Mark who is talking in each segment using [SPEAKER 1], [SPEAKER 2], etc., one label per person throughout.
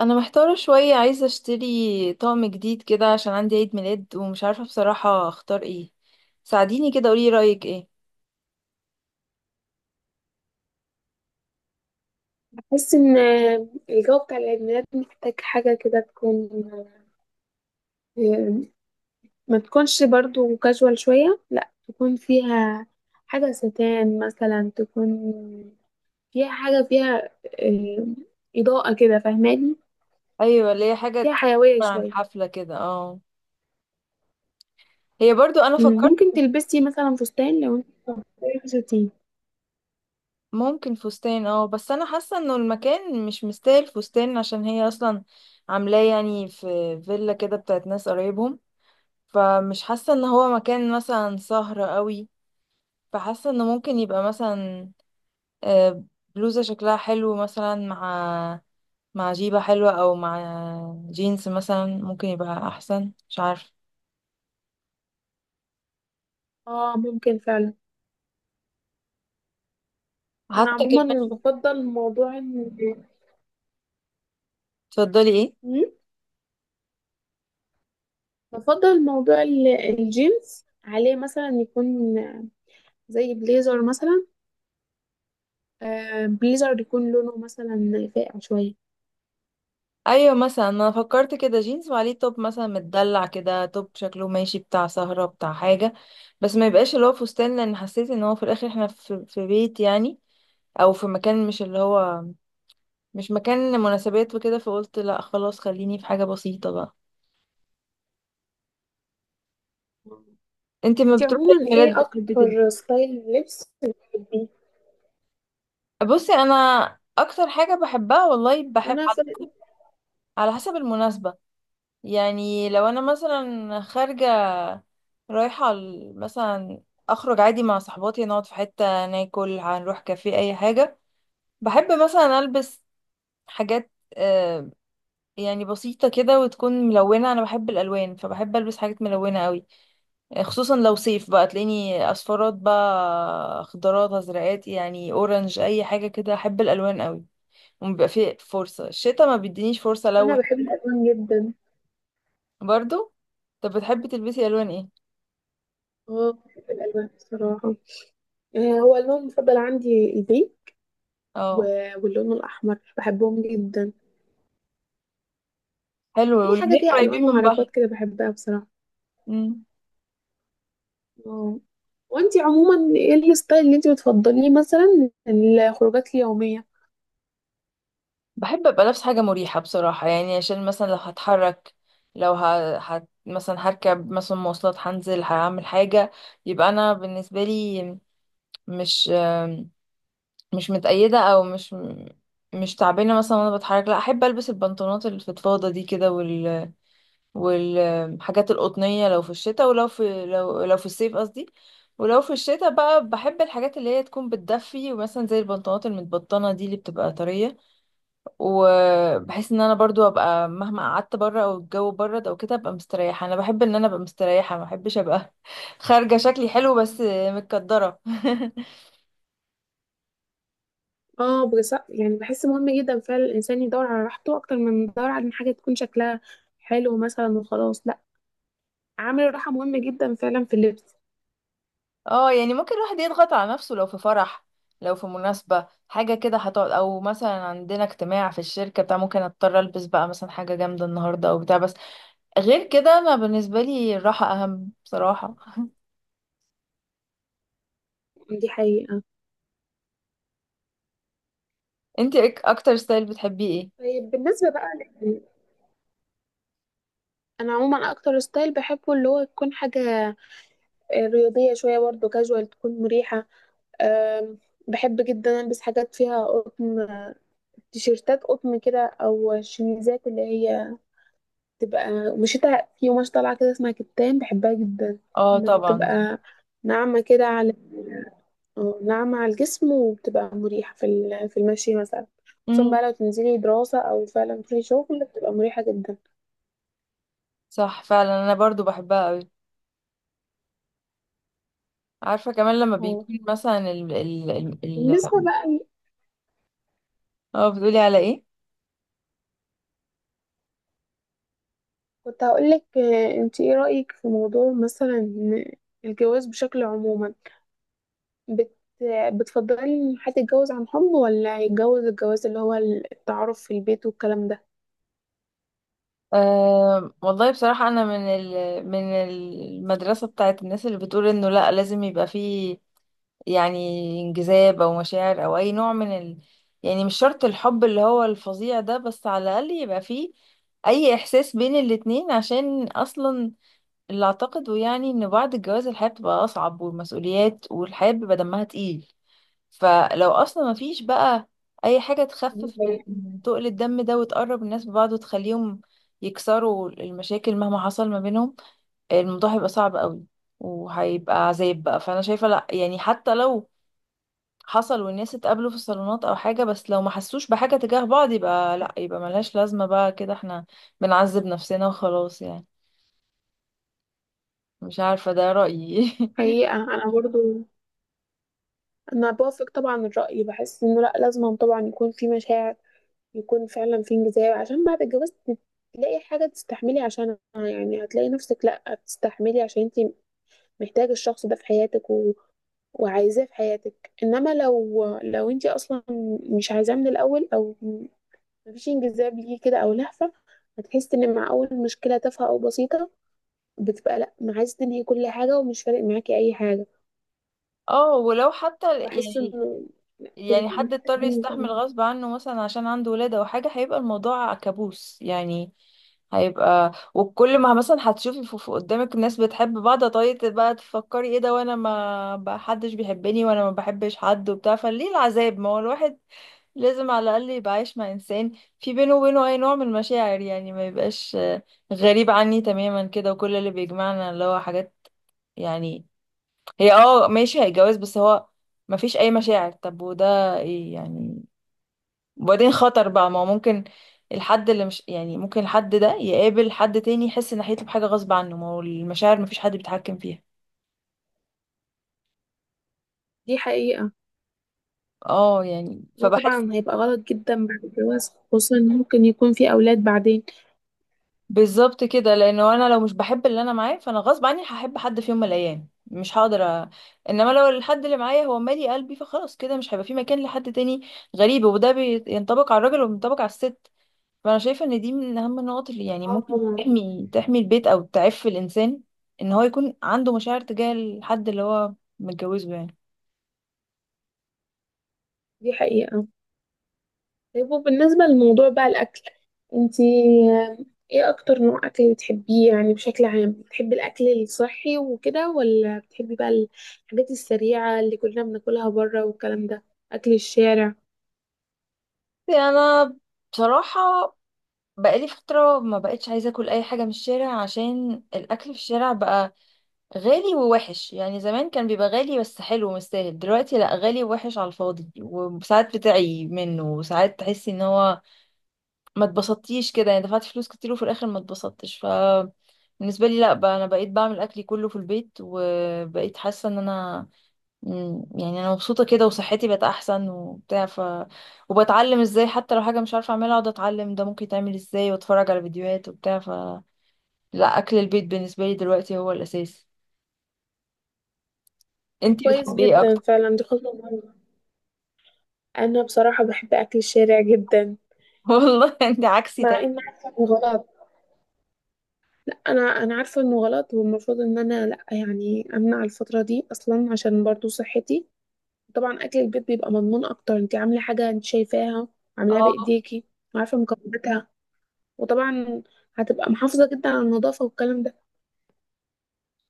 [SPEAKER 1] انا محتارة شوية، عايزة اشتري طقم جديد كده عشان عندي عيد ميلاد ومش عارفة بصراحة اختار ايه. ساعديني كده، قولي رأيك ايه.
[SPEAKER 2] بحس ان الجو بتاع العيد ميلاد محتاج حاجة كده تكون، ما تكونش برضو كاجوال شوية، لا تكون فيها حاجة ستان، مثلا تكون فيها حاجة فيها آه، إضاءة كده، فاهماني؟
[SPEAKER 1] ايوه، اللي هي حاجة
[SPEAKER 2] فيها حيوية
[SPEAKER 1] تعبر عن
[SPEAKER 2] شوية.
[SPEAKER 1] حفلة كده، اه. هي برضو انا فكرت
[SPEAKER 2] ممكن تلبسي مثلا فستان لو انت مختارة فساتين.
[SPEAKER 1] ممكن فستان، اه، بس انا حاسة انه المكان مش مستاهل فستان عشان هي اصلا عاملاه يعني في فيلا كده بتاعت ناس قرايبهم، فمش حاسة ان هو مكان مثلا سهرة قوي. فحاسة انه ممكن يبقى مثلا آه، بلوزة شكلها حلو مثلا مع مع جيبة حلوة، او مع جينز مثلا ممكن يبقى احسن، مش عارفة.
[SPEAKER 2] اه ممكن فعلا. انا
[SPEAKER 1] حتى
[SPEAKER 2] عموما
[SPEAKER 1] كمان
[SPEAKER 2] بفضل موضوع
[SPEAKER 1] تفضلي ايه؟
[SPEAKER 2] مم، بفضل موضوع الجينز، عليه مثلا يكون زي بليزر مثلا، بليزر يكون لونه مثلا فاقع شوية.
[SPEAKER 1] ايوه، مثلا انا فكرت كده جينز وعليه توب مثلا متدلع كده، توب شكله ماشي بتاع سهرة بتاع حاجة، بس ما يبقاش اللي هو فستان، لان حسيت ان هو في الاخر احنا في بيت يعني، او في مكان مش اللي هو مش مكان مناسبات وكده. فقلت لا خلاص، خليني في حاجة بسيطة بقى. انت ما
[SPEAKER 2] انتي
[SPEAKER 1] بتروحي عيد
[SPEAKER 2] عموما
[SPEAKER 1] ميلاد
[SPEAKER 2] ايه
[SPEAKER 1] بتحبي تلبسي؟
[SPEAKER 2] اكتر ستايل لبس بتحبيه؟
[SPEAKER 1] بصي انا اكتر حاجة بحبها والله، بحب
[SPEAKER 2] انا
[SPEAKER 1] على
[SPEAKER 2] في
[SPEAKER 1] حسب، على حسب المناسبة. يعني لو انا مثلا خارجة رايحة ال- مثلا اخرج عادي مع صحباتي، نقعد في حتة ناكل، هنروح كافيه اي حاجة، بحب مثلا البس حاجات يعني بسيطة كده وتكون ملونة. انا بحب الالوان، فبحب البس حاجات ملونة قوي. خصوصا لو صيف بقى تلاقيني اصفرات بقى، خضارات، ازرقات، يعني اورنج، اي حاجة كده. احب الالوان قوي، وبيبقى فيه فرصة. الشتا ما بيدينيش فرصة
[SPEAKER 2] انا
[SPEAKER 1] الون.
[SPEAKER 2] بحب الالوان جدا.
[SPEAKER 1] برضو طب بتحبي تلبسي الوان ايه؟
[SPEAKER 2] اه بحب الالوان بصراحة. هو اللون المفضل عندي البيج،
[SPEAKER 1] اه،
[SPEAKER 2] واللون الاحمر بحبهم جدا.
[SPEAKER 1] حلو،
[SPEAKER 2] اي حاجة
[SPEAKER 1] والاتنين
[SPEAKER 2] فيها الوان
[SPEAKER 1] قريبين من بعض.
[SPEAKER 2] وحركات كده بحبها بصراحة.
[SPEAKER 1] مم.
[SPEAKER 2] اه، وانتي عموما ايه الستايل اللي انتي بتفضليه مثلا الخروجات اليومية؟
[SPEAKER 1] بحب ابقى لابس حاجه مريحه بصراحه، يعني عشان مثلا لو هتحرك، لو مثلا هركب مثلا مواصلات، هنزل هعمل حاجه، يبقى انا بالنسبه لي مش، مش متقيده او مش تعبانه مثلا وانا بتحرك. لا، احب البس البنطلونات الفضفاضه دي كده والحاجات القطنية لو في الشتاء، ولو في لو لو في الصيف قصدي. ولو في الشتاء بقى بحب الحاجات اللي هي تكون بتدفي، ومثلا زي البنطلونات المتبطنة دي اللي بتبقى طرية. وبحس ان انا برضو ابقى مهما قعدت بره او الجو برد او كده، ابقى مستريحة. انا بحب ان انا ابقى مستريحة، ما بحبش ابقى خارجة شكلي حلو بس متكدرة
[SPEAKER 2] اه بس يعني بحس مهم جدا فعلا الانسان يدور على راحته اكتر من يدور على إن حاجه تكون شكلها حلو مثلا وخلاص، لا. عامل الراحه مهم جدا فعلا في اللبس.
[SPEAKER 1] اه يعني ممكن الواحد يضغط على نفسه لو في فرح، لو في مناسبة حاجة كده هتقعد، او مثلا عندنا اجتماع في الشركة بتاع، ممكن اضطر البس بقى مثلا حاجة جامدة النهاردة او بتاع، بس غير كده انا بالنسبة لي الراحة اهم بصراحة.
[SPEAKER 2] دي حقيقه.
[SPEAKER 1] انتي اكتر ستايل بتحبيه ايه؟
[SPEAKER 2] طيب بالنسبه بقى ل- انا عموما اكتر ستايل بحبه اللي هو تكون حاجه رياضيه شويه، برضه كاجوال، تكون مريحه. آم، بحب جدا البس حاجات فيها قطن، تيشيرتات قطن كده، او شميزات اللي هي تبقى ومشيتها في قماش طالعة كده اسمها كتان، بحبها جدا.
[SPEAKER 1] اه طبعا.
[SPEAKER 2] بتبقى ناعمة كده على، اه، ناعمة على الجسم، وبتبقى مريحة في في المشي مثلا. خصوصا
[SPEAKER 1] امم.
[SPEAKER 2] بقى لو تنزلي دراسة أو فعلا في شغل بتبقى مريحة جدا.
[SPEAKER 1] صح فعلا، انا برضو بحبها قوي. عارفة كمان لما
[SPEAKER 2] اه.
[SPEAKER 1] بيكون مثلا
[SPEAKER 2] بالنسبة
[SPEAKER 1] ال-
[SPEAKER 2] بقى
[SPEAKER 1] اه، بتقولي على ايه؟
[SPEAKER 2] كنت هقولك، انت ايه رأيك في موضوع مثلا إن الجواز بشكل عموما، بت بتفضلي ان حد يتجوز عن حب، ولا يتجوز الجواز اللي هو التعارف في البيت والكلام ده؟
[SPEAKER 1] أه والله بصراحة، أنا من ال من المدرسة بتاعت الناس اللي بتقول إنه لأ، لازم يبقى فيه يعني انجذاب او مشاعر او اي نوع من يعني مش شرط الحب اللي هو الفظيع ده، بس على الاقل يبقى فيه اي احساس بين الاتنين. عشان اصلا اللي اعتقده يعني، ان بعد الجواز الحياة بتبقى اصعب، والمسؤوليات، والحياة بيبقى دمها تقيل. فلو اصلا ما فيش بقى اي حاجة تخفف
[SPEAKER 2] بالنسبة لي.
[SPEAKER 1] من تقل الدم ده، وتقرب الناس ببعض، وتخليهم يكسروا المشاكل مهما حصل ما بينهم، الموضوع هيبقى صعب قوي، وهيبقى عذاب بقى. فانا شايفة لا، يعني حتى لو حصل والناس اتقابلوا في الصالونات او حاجة، بس لو ما حسوش بحاجة تجاه بعض، يبقى لا، يبقى ملهاش لازمة بقى كده. احنا بنعذب نفسنا وخلاص يعني. مش عارفة، ده رأيي.
[SPEAKER 2] حقيقة أنا برضو انا بوافق طبعا الرأي. بحس انه لا، لازم طبعا يكون في مشاعر، يكون فعلا في انجذاب، عشان بعد الجواز تلاقي حاجة تستحملي عشانها. يعني هتلاقي نفسك لا بتستحملي عشان انت محتاجة الشخص ده في حياتك، و... وعايزاه في حياتك. انما لو انت اصلا مش عايزاه من الاول، او مفيش انجذاب ليه كده او لهفة، هتحس ان مع اول مشكلة تافهة او بسيطة بتبقى لا، ما عايزة تنهي كل حاجة ومش فارق معاكي اي حاجة.
[SPEAKER 1] اه ولو حتى
[SPEAKER 2] بحس
[SPEAKER 1] يعني،
[SPEAKER 2] انه لا، كلنا
[SPEAKER 1] يعني حد اضطر
[SPEAKER 2] محتاجين.
[SPEAKER 1] يستحمل غصب عنه مثلا عشان عنده ولادة او حاجة، هيبقى الموضوع كابوس يعني. هيبقى، وكل ما مثلا هتشوفي في قدامك ناس بتحب بعض، طيب بقى تفكري ايه ده، وانا ما بقى حدش بيحبني وانا ما بحبش حد وبتاع. فليه العذاب؟ ما هو الواحد لازم على الاقل يبقى عايش مع انسان في بينه وبينه اي نوع من المشاعر. يعني ما يبقاش غريب عني تماما كده، وكل اللي بيجمعنا اللي هو حاجات يعني، هي اه ماشي هيتجوز، بس هو مفيش اي مشاعر. طب وده ايه يعني؟ وبعدين خطر بقى، ما هو ممكن الحد اللي مش يعني، ممكن الحد ده يقابل حد تاني يحس ناحيته بحاجة غصب عنه، ما هو المشاعر مفيش حد بيتحكم فيها.
[SPEAKER 2] دي حقيقة.
[SPEAKER 1] اه يعني
[SPEAKER 2] وده
[SPEAKER 1] فبحس
[SPEAKER 2] طبعا هيبقى غلط جدا بعد الجواز، خصوصا إن ممكن يكون في أولاد بعدين.
[SPEAKER 1] بالظبط كده، لانه انا لو مش بحب اللي انا معاه، فانا غصب عني هحب حد في يوم من الايام، مش هقدر انما لو الحد اللي معايا هو مالي قلبي، فخلاص كده مش هيبقى في مكان لحد تاني غريب. وده بينطبق على الراجل وبينطبق على الست. فانا شايفه ان دي من اهم النقط اللي يعني
[SPEAKER 2] اه
[SPEAKER 1] ممكن
[SPEAKER 2] طبعا.
[SPEAKER 1] تحمي البيت او تعف الانسان، ان هو يكون عنده مشاعر تجاه الحد اللي هو متجوزه يعني.
[SPEAKER 2] دي حقيقة. طيب وبالنسبة لموضوع بقى الأكل، انتي ايه أكتر نوع أكل بتحبيه؟ يعني بشكل عام بتحبي الأكل الصحي وكده، ولا بتحبي بقى الحاجات السريعة اللي كلنا بناكلها بره والكلام ده، أكل الشارع؟
[SPEAKER 1] انا بصراحه بقالي فتره ما بقتش عايزه اكل اي حاجه من الشارع، عشان الاكل في الشارع بقى غالي ووحش. يعني زمان كان بيبقى غالي بس حلو ومستاهل، دلوقتي لا، غالي ووحش على الفاضي، وساعات بتعي منه، وساعات تحسي ان هو ما اتبسطتيش كده، يعني دفعت فلوس كتير وفي الاخر ما اتبسطتش. ف بالنسبه لي لا بقى، انا بقيت بعمل اكلي كله في البيت، وبقيت حاسه ان انا يعني انا مبسوطه كده، وصحتي بقت احسن وبتاع. ف وبتعلم ازاي، حتى لو حاجه مش عارفه اعملها، اقعد اتعلم ده ممكن يتعمل ازاي، واتفرج على فيديوهات وبتاع. ف لا، اكل البيت بالنسبه لي دلوقتي هو الاساس.
[SPEAKER 2] طب
[SPEAKER 1] انتي
[SPEAKER 2] كويس
[SPEAKER 1] بتحبي ايه
[SPEAKER 2] جدا،
[SPEAKER 1] اكتر؟
[SPEAKER 2] فعلا دي خطوة مهمة. أنا بصراحة بحب أكل الشارع جدا،
[SPEAKER 1] والله انت عكسي
[SPEAKER 2] مع
[SPEAKER 1] تمام.
[SPEAKER 2] إن عارفة إنه غلط. انا عارفه انه غلط، والمفروض ان انا لا، يعني امنع الفتره دي اصلا عشان برضو صحتي. طبعا اكل البيت بيبقى مضمون اكتر، انت عامله حاجه انت شايفاها، عاملاها
[SPEAKER 1] اه،
[SPEAKER 2] بايديكي، وعارفه مكوناتها، وطبعا هتبقى محافظه جدا على النظافه والكلام ده.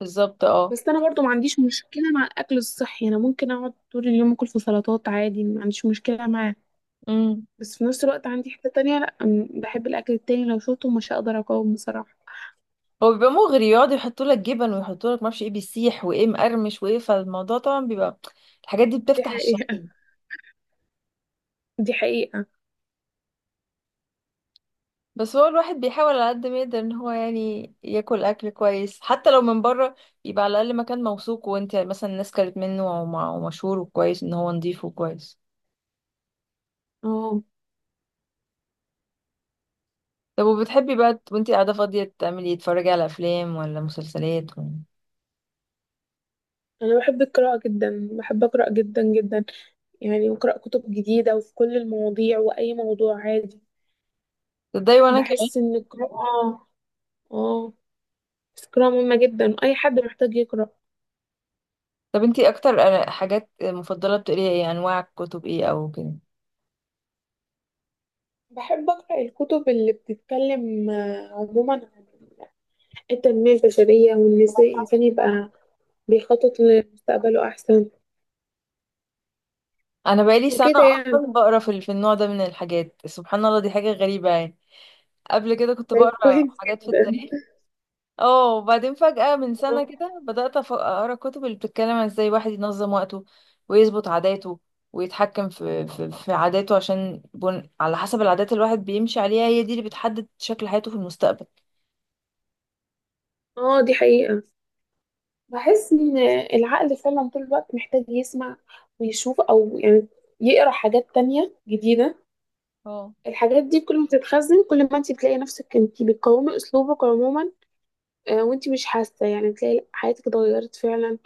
[SPEAKER 1] بالظبط اه.
[SPEAKER 2] بس انا برضو ما عنديش مشكله مع الاكل الصحي، انا ممكن اقعد طول اليوم اكل في سلطات عادي، ما عنديش مشكله معاه.
[SPEAKER 1] امم.
[SPEAKER 2] بس في نفس الوقت عندي حته تانية، لا، بحب الاكل التاني، لو شفته مش هقدر اقاوم بصراحه.
[SPEAKER 1] هو بيبقى مغري، يقعدوا يحطوا لك جبن، ويحطوا لك معرفش ايه بيسيح، وايه مقرمش، وايه، فالموضوع طبعا بيبقى، الحاجات دي
[SPEAKER 2] دي
[SPEAKER 1] بتفتح
[SPEAKER 2] حقيقه.
[SPEAKER 1] الشهية.
[SPEAKER 2] دي حقيقه.
[SPEAKER 1] بس هو الواحد بيحاول على قد ما يقدر ان هو يعني ياكل اكل كويس. حتى لو من بره، يبقى على الاقل مكان موثوق وانت مثلا الناس كلت منه ومشهور وكويس ان هو نضيف وكويس.
[SPEAKER 2] اه،
[SPEAKER 1] طب وبتحبي بقى وانت قاعده فاضيه تعملي إيه؟ تتفرجي على افلام ولا مسلسلات ولا
[SPEAKER 2] أنا بحب القراءة جدا، بحب أقرأ جدا جدا. يعني بقرأ كتب جديدة وفي كل المواضيع، وأي موضوع عادي.
[SPEAKER 1] تضايقي؟ وانا كمان.
[SPEAKER 2] بحس إن القراءة، آه، بس القراءة مهمة جدا، أي حد محتاج يقرأ.
[SPEAKER 1] طب انت اكتر حاجات مفضله بتقريها ايه؟ انواع كتب ايه او كده؟
[SPEAKER 2] بحب أقرأ الكتب اللي بتتكلم عموما عن التنمية البشرية، وإن إزاي الإنسان يبقى بيخطط لمستقبله أحسن
[SPEAKER 1] انا بقالي سنه
[SPEAKER 2] وكده يعني.
[SPEAKER 1] اصلا بقرا في النوع ده من الحاجات، سبحان الله دي حاجه غريبه يعني. قبل كده كنت
[SPEAKER 2] طيب
[SPEAKER 1] بقرا
[SPEAKER 2] كويس
[SPEAKER 1] حاجات في
[SPEAKER 2] جدا.
[SPEAKER 1] التاريخ، اه، وبعدين فجاه من
[SPEAKER 2] آه.
[SPEAKER 1] سنه كده بدات اقرا كتب اللي بتتكلم عن ازاي الواحد ينظم وقته، ويظبط عاداته، ويتحكم في عاداته. عشان على حسب العادات اللي الواحد بيمشي عليها، هي دي اللي بتحدد شكل حياته في المستقبل.
[SPEAKER 2] دي حقيقة. بحس ان العقل فعلا طول الوقت محتاج يسمع، ويشوف، او يعني يقرا حاجات تانية جديدة.
[SPEAKER 1] اه
[SPEAKER 2] الحاجات دي كل ما تتخزن، كل ما انت تلاقي نفسك انت بتقاومي اسلوبك عموما، وانت مش حاسة، يعني تلاقي حياتك اتغيرت فعلا،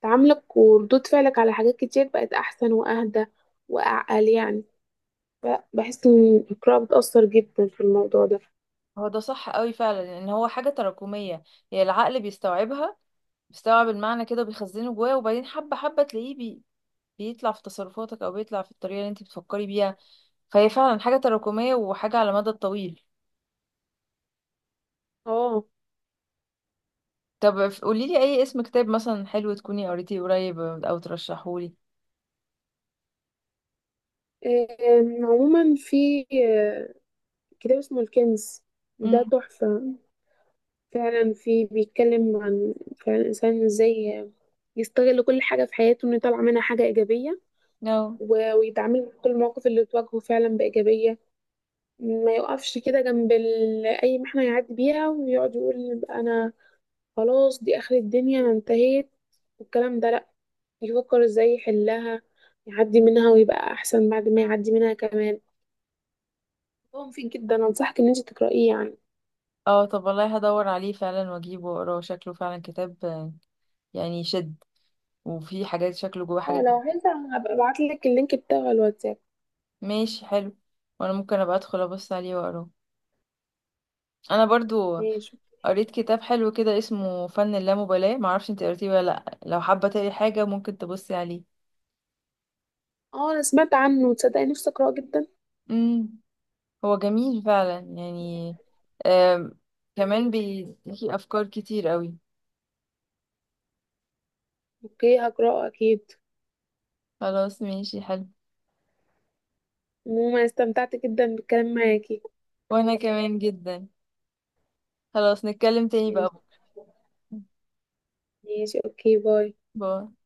[SPEAKER 2] وتعاملك وردود فعلك على حاجات كتير بقت احسن واهدى واعقل يعني. بحس ان القراءة بتأثر جدا في الموضوع ده.
[SPEAKER 1] هو ده صح قوي فعلا، لان هو حاجه تراكميه، هي العقل بيستوعبها، بيستوعب المعنى كده بيخزنه جواه، وبعدين حبه حبه تلاقيه بيطلع في تصرفاتك، او بيطلع في الطريقه اللي انت بتفكري بيها. فهي فعلا حاجه تراكميه وحاجه على المدى الطويل.
[SPEAKER 2] اه.
[SPEAKER 1] طب قولي لي اي اسم كتاب مثلا حلو تكوني قريتيه قريب او ترشحهولي.
[SPEAKER 2] عموما في كتاب اسمه الكنز، ده
[SPEAKER 1] امم.
[SPEAKER 2] تحفة فعلا. في بيتكلم عن فعلا الإنسان ازاي يستغل كل حاجة في حياته انه يطلع منها حاجة إيجابية،
[SPEAKER 1] اه.
[SPEAKER 2] ويتعامل مع كل المواقف اللي تواجهه فعلا بإيجابية. ما يقفش كده جنب أي محنة يعدي بيها ويقعد يقول أنا خلاص دي آخر الدنيا أنا انتهيت والكلام ده، لأ. يفكر ازاي يحلها، يعدي منها، ويبقى أحسن بعد ما يعدي منها كمان. هو مفيد جدا، أنصحك إن انت تقرأيه يعني.
[SPEAKER 1] اه طب والله هدور عليه فعلا واجيبه واقراه، شكله فعلا كتاب يعني يشد، وفيه حاجات، شكله جواه
[SPEAKER 2] اه
[SPEAKER 1] حاجات.
[SPEAKER 2] لو عايزة هبقى ابعتلك اللينك بتاعه على الواتساب.
[SPEAKER 1] ماشي حلو. وانا ممكن ابقى ادخل ابص عليه واقراه. انا برضو
[SPEAKER 2] ماشي.
[SPEAKER 1] قريت كتاب حلو كده اسمه فن اللامبالاة، معرفش انت قريتيه ولا لا، لو حابه تقري حاجه ممكن تبصي عليه.
[SPEAKER 2] اه انا سمعت عنه، تصدقي نفسي اقراه جدا.
[SPEAKER 1] امم. هو جميل فعلا يعني، آم، كمان بيديكي أفكار كتير قوي.
[SPEAKER 2] اوكي هقراه اكيد.
[SPEAKER 1] خلاص ماشي حلو.
[SPEAKER 2] عموما استمتعت جدا بالكلام معاكي.
[SPEAKER 1] وأنا كمان جدا. خلاص نتكلم تاني
[SPEAKER 2] ماشي.
[SPEAKER 1] بقى.
[SPEAKER 2] ماشي، اوكي، باي.
[SPEAKER 1] باي.